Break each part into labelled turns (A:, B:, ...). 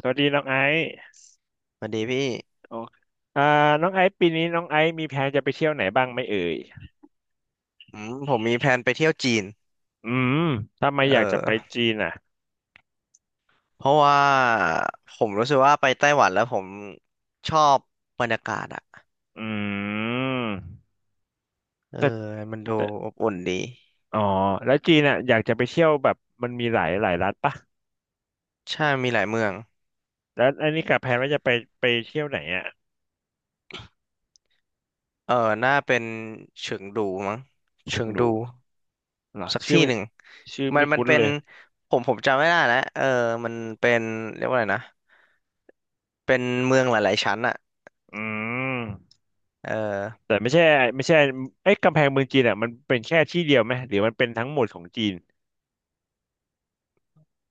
A: สวัสดีน้องไอซ์
B: สวัสดีพี่
A: โออ่าน้องไอซ์ปีนี้น้องไอซ์มีแผนจะไปเที่ยวไหนบ้างไหมเอ่ย
B: อืมผมมีแพลนไปเที่ยวจีน
A: อืมทำไม
B: เอ
A: อยากจะไป
B: อ
A: จีนอ่ะ
B: เพราะว่าผมรู้สึกว่าไปไต้หวันแล้วผมชอบบรรยากาศอะ
A: อืม
B: เออ
A: แต่
B: มันดู
A: แต่
B: อบอุ่นดี
A: อ๋อแล้วจีนอ่ะอยากจะไปเที่ยวแบบมันมีหลายรัฐปะ
B: ใช่มีหลายเมือง
A: แล้วอันนี้กับแผนว่าจะไปเที่ยวไหนอ่ะ
B: เออน่าเป็นเฉิงดูมั้ง
A: เชิ
B: เฉิ
A: ง
B: ง
A: ดู
B: ดู
A: เหรอ
B: สัก
A: ชื่อ
B: ที่
A: ไม่
B: หนึ่ง
A: ชื่อ
B: มัน
A: ไม่
B: มัน
A: คุ้น
B: เป็
A: เล
B: น
A: ย
B: ผมจำไม่ได้แล้วเออมันเป็นเรียกว่าอะไรนะเป็นเมืองหลายๆชั้นอะ
A: อืม
B: เออ
A: แต่ไม่ใช่เอ้ยกำแพงเมืองจีนอ่ะมันเป็นแค่ที่เดียวไหมหรือมันเป็นทั้งหมดของจีน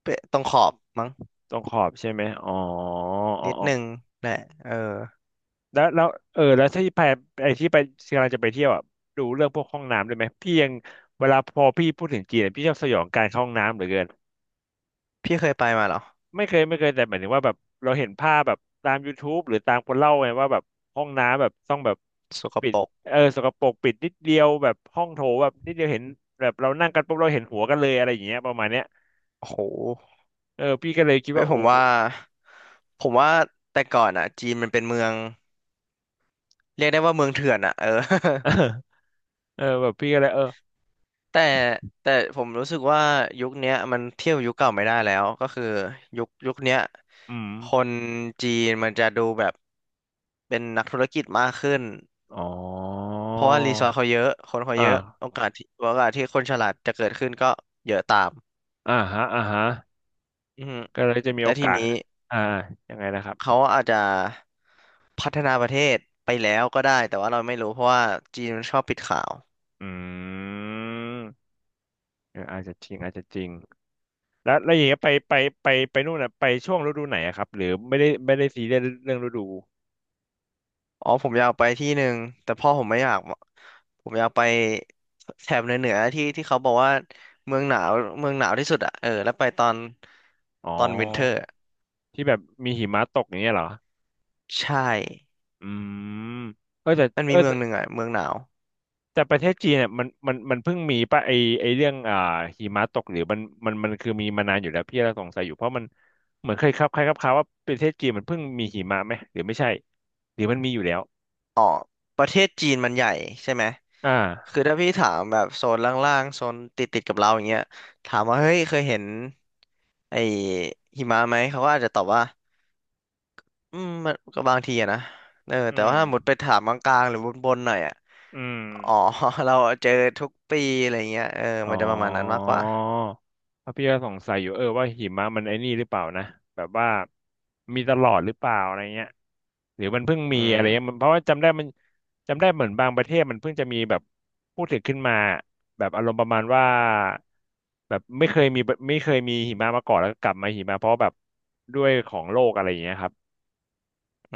B: เป็นตรงขอบมั้ง
A: ตรงขอบใช่ไหมอ๋ออ๋อ
B: นิด
A: อ๋อ
B: นึงแหละเออ
A: แล้วเออแล้วถ้าที่ไปไอ้ที่ไปกำลังจะไปเที่ยวอ่ะดูเรื่องพวกห้องน้ำด้วยไหมพี่ยังเวลาพอพี่พูดถึงจีนอะพี่ชอบสยองการเข้าห้องน้ำเหลือเกิน
B: พี่เคยไปมาเหรอ
A: ไม่เคยแต่หมายถึงว่าแบบเราเห็นภาพแบบตามยูทูบหรือตามคนเล่าไงว่าแบบห้องน้ำแบบต้องแบบ
B: สก
A: ปิด
B: ปรก
A: เออสกปรกปิดนิดเดียวแบบห้องโถแบบนิดเดียวเห็นแบบเรานั่งกันปุ๊บเราเห็นหัวกันเลยอะไรอย่างเงี้ยประมาณเนี้ย
B: โอ้โห
A: เออพี่ก็เลยคิด
B: เอ้ย
A: ว่า
B: ผม
A: โอ้โห
B: ว่าผมว่าแต่ก่อนอ่ะจีนมันเป็นเมืองเรียกได้ว่าเมืองเถื่อนอ่ะเออ
A: เออแบบพี่ก็เลยเออ
B: แต่แต่ผมรู้สึกว่ายุคเนี้ยมันเทียบยุคเก่าไม่ได้แล้วก็คือยุคเนี้ย
A: อืม
B: คนจีนมันจะดูแบบเป็นนักธุรกิจมากขึ้น
A: อ๋อ
B: เพราะว่ารีซอสเขาเยอะคนเขา
A: อ่า
B: เยอะโอกาสที่โอกาสที่คนฉลาดจะเกิดขึ้นก็เยอะตาม
A: อ่าฮะอ่าฮะ
B: อือฮึ
A: ก็เลยจะมีโอ
B: และที
A: กาส
B: นี้
A: อ่ายังไงนะครั
B: เขา
A: บ
B: อาจจะพัฒนาประเทศไปแล้วก็ได้แต่ว่าเราไม่รู้เพราะว่าจีนมันชอบปิดข่าว
A: อืมเอออาจจะจริงแล้วอย่างเงี้ยไปไปนู่นน่ะไปช่วงฤดูไหนอะครับหรือไม่ได้ซีเรียสเรื่องฤดู
B: อ๋อผมอยากไปที่หนึ่งแต่พ่อผมไม่อยากผมอยากไปแถบเหนือเหนือที่ที่เขาบอกว่าเมืองหนาวเมืองหนาวที่สุดอ่ะเออแล้วไปตอน
A: อ๋
B: ตอนวินเทอ
A: อ
B: ร์
A: ที่แบบมีหิมะตกอย่างเงี้ยเหรอ
B: ใช่
A: อืมเออแต่
B: มันมีเมืองหนึ่งอ่ะเมืองหนาว
A: แต่ประเทศจีนเนี่ยมันมันเพิ่งมีป่ะไอเรื่องหิมะตกหรือมันมันคือมีมานานอยู่แล้วพี่เราสงสัยอยู่เพราะมันเหมือนเคยครับใครครับข่าวว่าประเทศจีนมันเพิ่งมีหิมะไหมหรือไม่ใช่หรือมันมีอยู่แล้ว
B: อ๋อประเทศจีนมันใหญ่ใช่ไหม
A: อ่
B: คื
A: า
B: อถ้าพี่ถามแบบโซนล่างๆโซนติดกับเราอย่างเงี้ยถามว่าเฮ้ยเคยเห็นไอ้หิมะไหมเขาก็อาจจะตอบว่าอืมมันก็บางทีอะนะเออแต่
A: อื
B: ว่า
A: ม
B: ถ้าหมดไปถามกลางๆหรือบนๆหน่อยอะ
A: อืม
B: อ๋อ เราเจอทุกปีอะไรเงี้ยเออ
A: อ๋อ
B: มันจะประมาณนั้นมากกว่า
A: เพราะพี่ก็สงสัยอยู่เออว่าหิมะมันไอ้นี่หรือเปล่านะแบบว่ามีตลอดหรือเปล่าอะไรเงี้ยหรือมันเพิ่งมี
B: อื
A: อะไร
B: ม
A: เงี้ยมันเพราะว่าจำได้มันจำได้เหมือนบางประเทศมันเพิ่งจะมีแบบพูดถึงขึ้นมาแบบอารมณ์ประมาณว่าแบบไม่เคยมีหิมะมาก่อนแล้วก็กลับมาหิมะเพราะแบบด้วยของโลกอะไรอย่างเงี้ยครับ
B: อื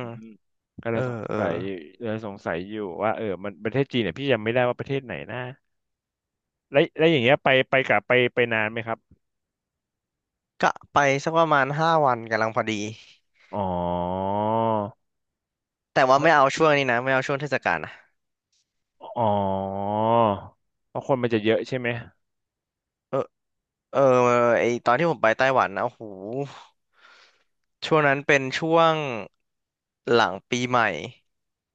A: อืมก็เล
B: เออ
A: ยสง
B: เออ
A: สัยอยู่ว่าเออมันประเทศจีนเนี่ยพี่ยังไม่ได้ว่าประเทศไหนนะ แล้วอย่างเงี้ยไปนานไหมครับ
B: ก็ไปสักประมาณ5 วันกำลังพอดี
A: อ๋อ
B: แต่ว่าไม่เอาช่วงนี้นะไม่เอาช่วงเทศกาลนะ
A: อ๋อเพราะคนมันจะเยอะใช่ไหม
B: เออเออไอตอนที่ผมไปไต้หวันนะโอ้โหช่วงนั้นเป็นช่วงหลังปีใหม่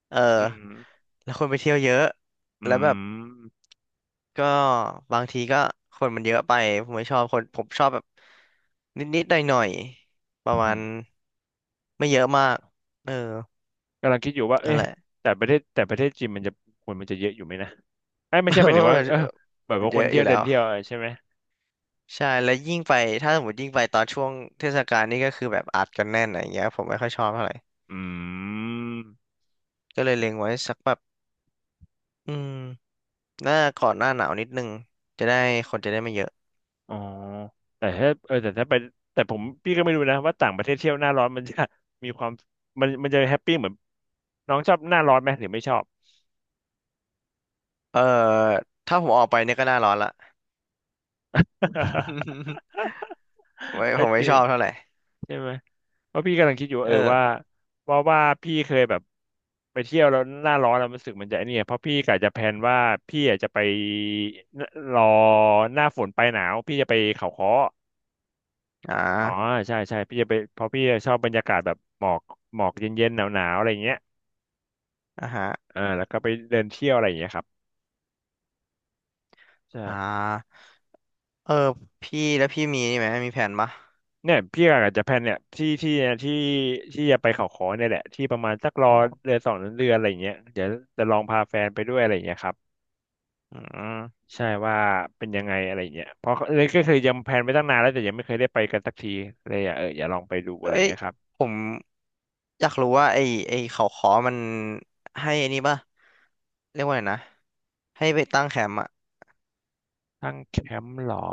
B: เ
A: อื
B: ออ
A: ม
B: แล้วคนไปเที่ยวเยอะ
A: อื
B: แล้วแบบ
A: ม
B: ก็บางทีก็คนมันเยอะไปผมไม่ชอบคนผมชอบแบบนิดๆหน่อยๆประมา
A: อื
B: ณ
A: ม
B: ไม่เยอะมากเออ
A: กำลังคิดอยู่ว่า
B: นั่น
A: เอ๊ะ
B: แหละ
A: แต่ประเทศจีนมันจะคนมันจะเยอะอยู่ไหมนะไอ้ยไม่ใช่หมายถึงว่าเออแบบ ว่า
B: เย
A: คน
B: อะอ
A: เที่ย
B: ยู่
A: ว
B: แล้
A: เดิน
B: ว
A: เที่ยวอะไรใช่ไหม
B: ใช่แล้วยิ่งไปถ้าสมมติยิ่งไปตอนช่วงเทศกาลนี่ก็คือแบบอัดกันแน่นอะไรอย่างเงี้ยผมไม่ค่อยชอบเท่าไหร่
A: อืม
B: ก็เลยเล็งไว้สักแบบอืมหน้าก่อนหน้าหนาวนิดนึงจะได้คนจะได้ไม่เยอะ
A: อ๋อแต่ถ้าเออแต่ถ้าไปแต่ผมพี่ก็ไม่รู้นะว่าต่างประเทศเที่ยวหน้าร้อนมันจะมีความมันจะแฮปปี้เหมือนน้องชอบหน้าร้อนไหมหรือไม่ชอบ
B: เออถ้าผมออกไปเนี่ยก็หน้าร้อนละ ผมไม่ ผ
A: ก็
B: ม
A: จ
B: ไม่
A: ริ
B: ช
A: ง
B: อบเท่าไหร่
A: ใช่ไหมเพราะพี่กำลังคิดอยู่ว่า
B: เอ
A: เอ
B: อ
A: อว่าว่าพี่เคยแบบไปเที่ยวแล้วหน้าร้อนแล้วรู้สึกมันจะไอ้เนี่ยเพราะพี่กะจะแพลนว่าพี่อยากจะไปรอหน้าฝนปลายหนาวพี่จะไปเขาค้อ
B: อ่
A: อ๋อ
B: า
A: ใช่ใช่พี่จะไปเพราะพี่ชอบบรรยากาศแบบหมอกเย็นๆหนาวๆอะไรอย่างเงี้ย
B: อ่าฮะ
A: แล้วก็ไปเดินเที่ยวอะไรอย่างเงี้ยครับใช่
B: อ่าเออพี่แล้วพี่มีนี่ไหมมีแผนปะ
A: เนี่ยพี่กะจจะแพลนเนี่ยที่ที่จะไปเขาค้อเนี่ยแหละที่ประมาณสักรอ
B: อ๋อ
A: เดือนสองเดือนอะไรอย่างเงี้ยเดี๋ยวจะลองพาแฟนไปด้วยอะไรอย่างเงี้ยครับ
B: อืม
A: ใช่ว่าเป็นยังไงอะไรเงี้ยเพราะเลยก็คือยังแพลนไว้ตั้งนานแล้วแต่ยังไม่เคยได้ไปกันสักทีเลยอ่ะเอออย่าลองไปดูอะไร
B: เอ้ย
A: เงี้ยครับ
B: ผมอยากรู้ว่าไอ้เขาขอมันให้อันนี้ปะเรียกว่าไงนะให้ไปตั้งแคมป์อ่ะ
A: ตั้งแคมป์หรอ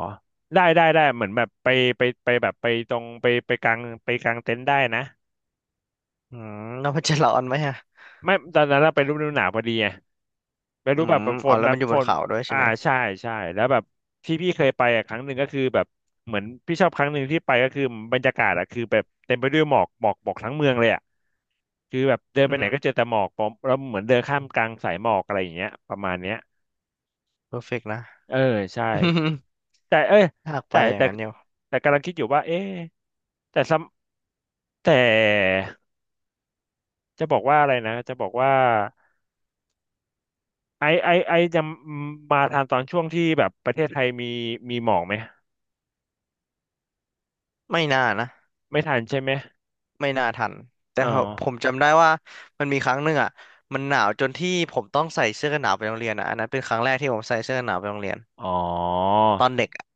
A: ได้เหมือนแบบไปแบบไปตรงไปไปกลางเต็นท์ได้นะ
B: อืม แล้วมันจะร้อนไหมอะ
A: ไม่ตอนนั้นเราไปฤดูหนาวพอดีไง ไม่
B: อื
A: รู้แบ
B: ม
A: บแบบฝ
B: อ๋อ
A: น
B: แล้ว
A: แบ
B: มั
A: บ
B: นอยู่
A: ฝ
B: บน
A: น
B: เขาด้วยใช่
A: อ่า
B: ไหม
A: ใช่ใช่แล้วแบบที่พี่เคยไปอะครั้งหนึ่งก็คือแบบเหมือนพี่ชอบครั้งหนึ่งที่ไปก็คือบรรยากาศอะคือแบบเต็มไปด้วยหมอกทั้งเมืองเลยอะคือแบบเดิน
B: อื
A: ไปไหนก็
B: ม
A: เจอแต่หมอกผมเราเหมือนเดินข้ามกลางสายหมอกอะไรอย่างเงี้ยประมาณเนี้ย
B: เพอร์เฟกนะ
A: เออใช่
B: อม
A: แต่เอ้ย
B: อยากไป
A: แต่
B: อย่าง
A: แต่
B: นั้นเดียว
A: แต่กำลังคิดอยู่ว่าเอ๊ะแต่ซ้ำแต่จะบอกว่าอะไรนะจะบอกว่าไอจะมาทานตอนช่วงที่แบบประเทศไทยมีหมอกไหม
B: ไม่น่านะ
A: ไม่ทันใช่ไหม
B: ไม่น่าทันแต่
A: อ๋อ
B: ผมจำได้ว่ามันมีครั้งหนึ่งอ่ะมันหนาวจนที่ผมต้องใส่เสื้อกันหนาวไปโรงเรียนอ่ะอันนั้นเป็นครั้งแรกที่ผมใส่เสื้อกันหนาวไปโรงเรียน
A: อ๋อ
B: ตอนเด็กอะ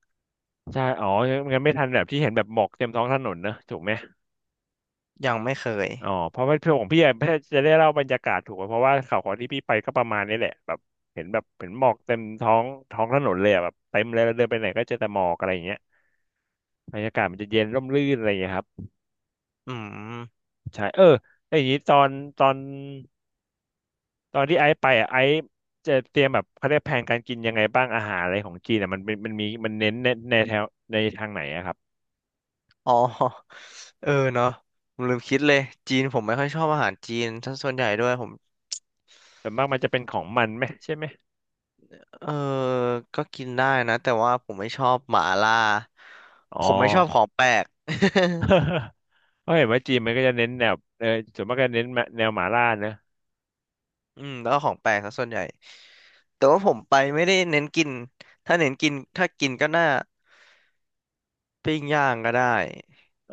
A: ใช่อ๋องั้นไม่ทันแบบที่เห็นแบบหมอกเต็มท้องถนนนะถูกไหม
B: ยังไม่เคย
A: อ๋อเพราะว่าพ่ของพี่อะจะได้เล่าบรรยากาศถูกไหมเพราะว่าข่าวของที่พี่ไปก็ประมาณนี้แหละแบบเห็นแบบเห็นหมอกเต็มท้องถนนเลยอะแบบเต็มเลยแล้วเดินไปไหนก็เจอแต่หมอกอะไรอย่างเงี้ยบรรยากาศมันจะเย็นร่มรื่นอะไรอย่างเงี้ยครับ
B: อืม
A: ใช่เออแล้วอย่างนี้ตอนตอนที่ไอซ์ไปอะไอซ์จะเตรียมแบบเขาเรียกแผนการกินยังไงบ้างอาหารอะไรของจีนอะมันเป็นมันมีมันเน้นในแถวในทางไหนอะครับ
B: อ๋อ เออเนาะผมลืมคิดเลยจีนผมไม่ค่อยชอบอาหารจีนซะส่วนใหญ่ด้วยผม
A: ส่วนมากมันจะเป็นของมันไหมใช่ไหม
B: เออก็กินได้นะแต่ว่าผมไม่ชอบหม่าล่า
A: อ๋อ
B: ผมไม่ชอบของแปลก
A: เพราะเห็นว่าจีนมันก็จะเน้นแนวเออส่วนมากก็เน้นแนวหมาล่านะ
B: อืมแล้วก็ของแปลกซะส่วนใหญ่แต่ว่าผมไปไม่ได้เน้นกินถ้าเน้นกินถ้ากินก็น่าปิ้งย่างก็ได้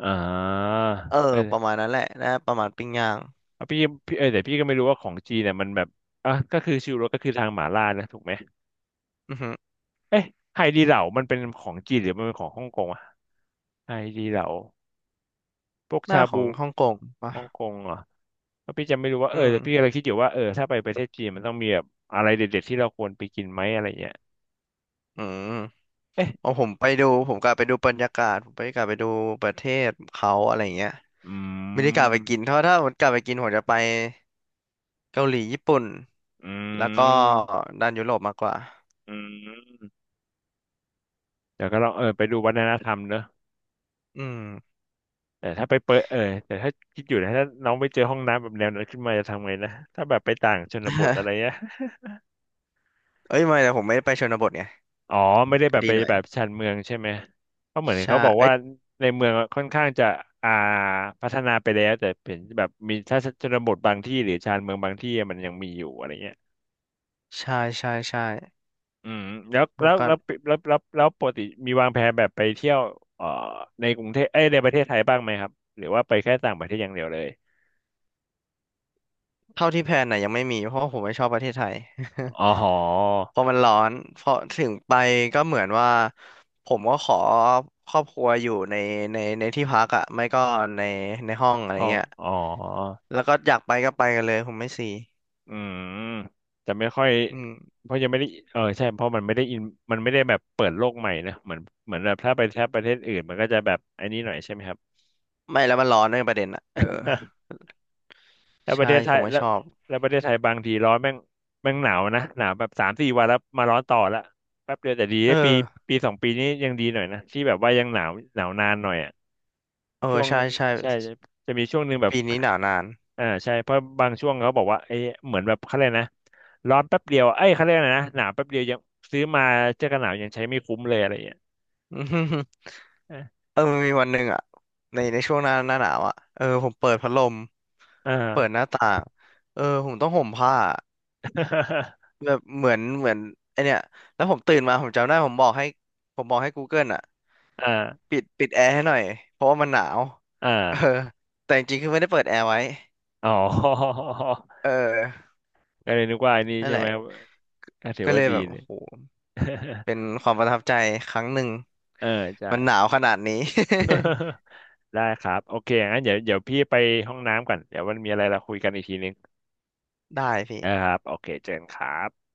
A: อ่า
B: เออ
A: เอ
B: ป
A: อ
B: ระมาณนั้นแหละนะประมาณปิ้งย่าง
A: เอาพี่พี่เออแต่พี่ก็ไม่รู้ว่าของจีนเนี่ยมันแบบอ่ะก็คือชิวโรสก็คือทางหมาล่านะถูกไหม
B: อือฮึ
A: เอ๊ะไฮดีเหลามันเป็นของจีนหรือมันเป็นของฮ่องกงอะไฮดีเหลาพวก
B: หน้า
A: ชา
B: ข
A: บู
B: องฮ่องกงปะ
A: ฮ่องกงเหรอเพราะพี่จะไม่รู้ว่าเออ
B: อืม
A: แต่พี่กำลังคิดอยู่ว่าเออถ้าไปประเทศจีนมันต้องมีแบบอะไรเด็ดๆที่เราควรไปกินไหมอะไรเงี้ย
B: อืม
A: เอ๊ะ
B: เอาผมไปดูผมกลับไปดูบรรยากาศผมไปกลับไปดูประเทศเขาอะไรเงี้ย
A: อื
B: ไม่ได้กลับไปกินเพ
A: ม
B: ราะถ้าผมกลับไปกินผมจะไปเกาหลีญี่ปุ่น
A: อื
B: แล้วก็
A: ม
B: ด้านยุโรปมากกว่า
A: อืม เดี๋ยวก็ลองเออไปดูวัฒนธรรมเนอะ
B: อืม
A: แต่ถ้าไปเปิดเออแต่ถ้าคิดอยู่นะถ้าน้องไปเจอห้องน้ำแบบแนวนั้นขึ้นมาจะทำไงนะถ้าแบบไปต่างชนบทอะไรเงี้ย
B: เอ้ยไม่แต่ผมไม่ได้ไปชนบทไง
A: อ๋อไม่ได้แบ
B: ก็
A: บ
B: ดี
A: ไป
B: หน่อย
A: แบบชานเมืองใช่ไหมเพราะเหมือน
B: ใช่
A: เขาบอก
B: เอ้
A: ว่า
B: ย
A: ในเมืองอะค่อนข้างจะอ่าพัฒนาไปแล้วแต่เป็นแบบมีถ้าชนบทบางที่หรือชานเมืองบางที่อะมันยังมีอยู่อะไรเงี้ย
B: ใช่
A: อืมแล้วแล้
B: แล้ว
A: ว
B: ก็
A: แล้วแล้วแล้วแล้วปกติมีวางแผนแบบไปเที่ยวเอ่อในกรุงเทพเอ้ยในประเทศไทยบ้างไหมครับหรือว่าไปแค่ต่างประเทศอย่างเดียวเลย
B: เท่าที่แพลนน่ะยังไม่มีเพราะว่าผมไม่ชอบประเทศไทย
A: อ๋อหอ
B: พอมันร้อนพอถึงไปก็เหมือนว่าผมก็ขอครอบครัวอยู่ในในที่พักอ่ะไม่ก็ในในห้องอะไร
A: อ๋อ
B: เงี้ย
A: อ๋อ
B: แล้วก็อยากไปก็ไปกันเลยผมไม่ซี
A: อืมแต่ไม่ค่อย
B: อืม
A: เพราะยังไม่ได้เออใช่เพราะมันไม่ได้อินมันไม่ได้แบบเปิดโลกใหม่นะเหมือนเหมือนแบบถ้าไปถ้าประเทศอื่นมันก็จะแบบไอ้นี้หน่อยใช่ไหมครับ
B: ไม่แล้วมันร้อนด้วยประเด็นอ่ะเออ
A: แล้วประเท
B: ใช่
A: ศไท
B: ผ
A: ย
B: มไม่
A: แล้ว
B: ชอบ
A: แล้วประเทศไทยบางทีร้อนแม่งแม่งหนาวนะหนาวแบบสามสี่วันแล้วมาร้อนต่อละแป๊บเดียวแต่ดี
B: เอ
A: นะปี
B: อ
A: ปีสองปีนี้ยังดีหน่อยนะที่แบบว่ายังหนาวนานหน่อยอ่ะ
B: เอ
A: ช่
B: อ
A: วง
B: ใช่ใช่
A: ใช่จะมีช่วงหนึ่งแบบ
B: ปีนี้หนาวนาน
A: อ่าใช่เพราะบางช่วงเขาบอกว่าเอ้ยเหมือนแบบเขาเลยกนะ ร้อนแป๊บเดียวเอ้ยเขาเรียกอะไรนะ หนาวแป๊บเดียวยังซื้อมาเจอกันหนาวยังใช้ไม่คุ้มเลยอะไรอย่างเงี้ย
B: อืมเออมันมีวันหนึ่งอ่ะในช่วงหน้าหนาวอ่ะเออผมเปิดพัดลม
A: อ่า
B: เปิดหน้าต่างเออผมต้องห่มผ้า แบบเหมือนไอเนี่ยแล้วผมตื่นมาผมจำได้ผมบอกให้ Google อ่ะ
A: อ่า
B: ปิดแอร์ให้หน่อยเพราะว่ามันหนาว
A: อ่
B: เออ
A: า
B: แต่จริงๆคือไม่ได้เปิดแอร์ไว้
A: อ๋อ
B: เออ
A: ก็เลยนึกว่าอันนี้
B: นั่น
A: ใช่
B: แห
A: ไหม
B: ละ
A: ครับก็ถือ
B: ก็เล
A: ว่า
B: ย
A: ดี
B: แบบโอ้
A: เนี่ย
B: โห เป็นความประทับใจครั้งหนึ่ง
A: เออใช่
B: มันหนาวขนาดนี้
A: ได้ครับโอเคงั้นเดี๋ยวเดี๋ยวพี่ไปห้องน้ำก่อนเดี๋ยวมันมีอะไรเราคุยกันอีกทีนึง
B: ได้พี่
A: นะครับโอเคเจอกันครับ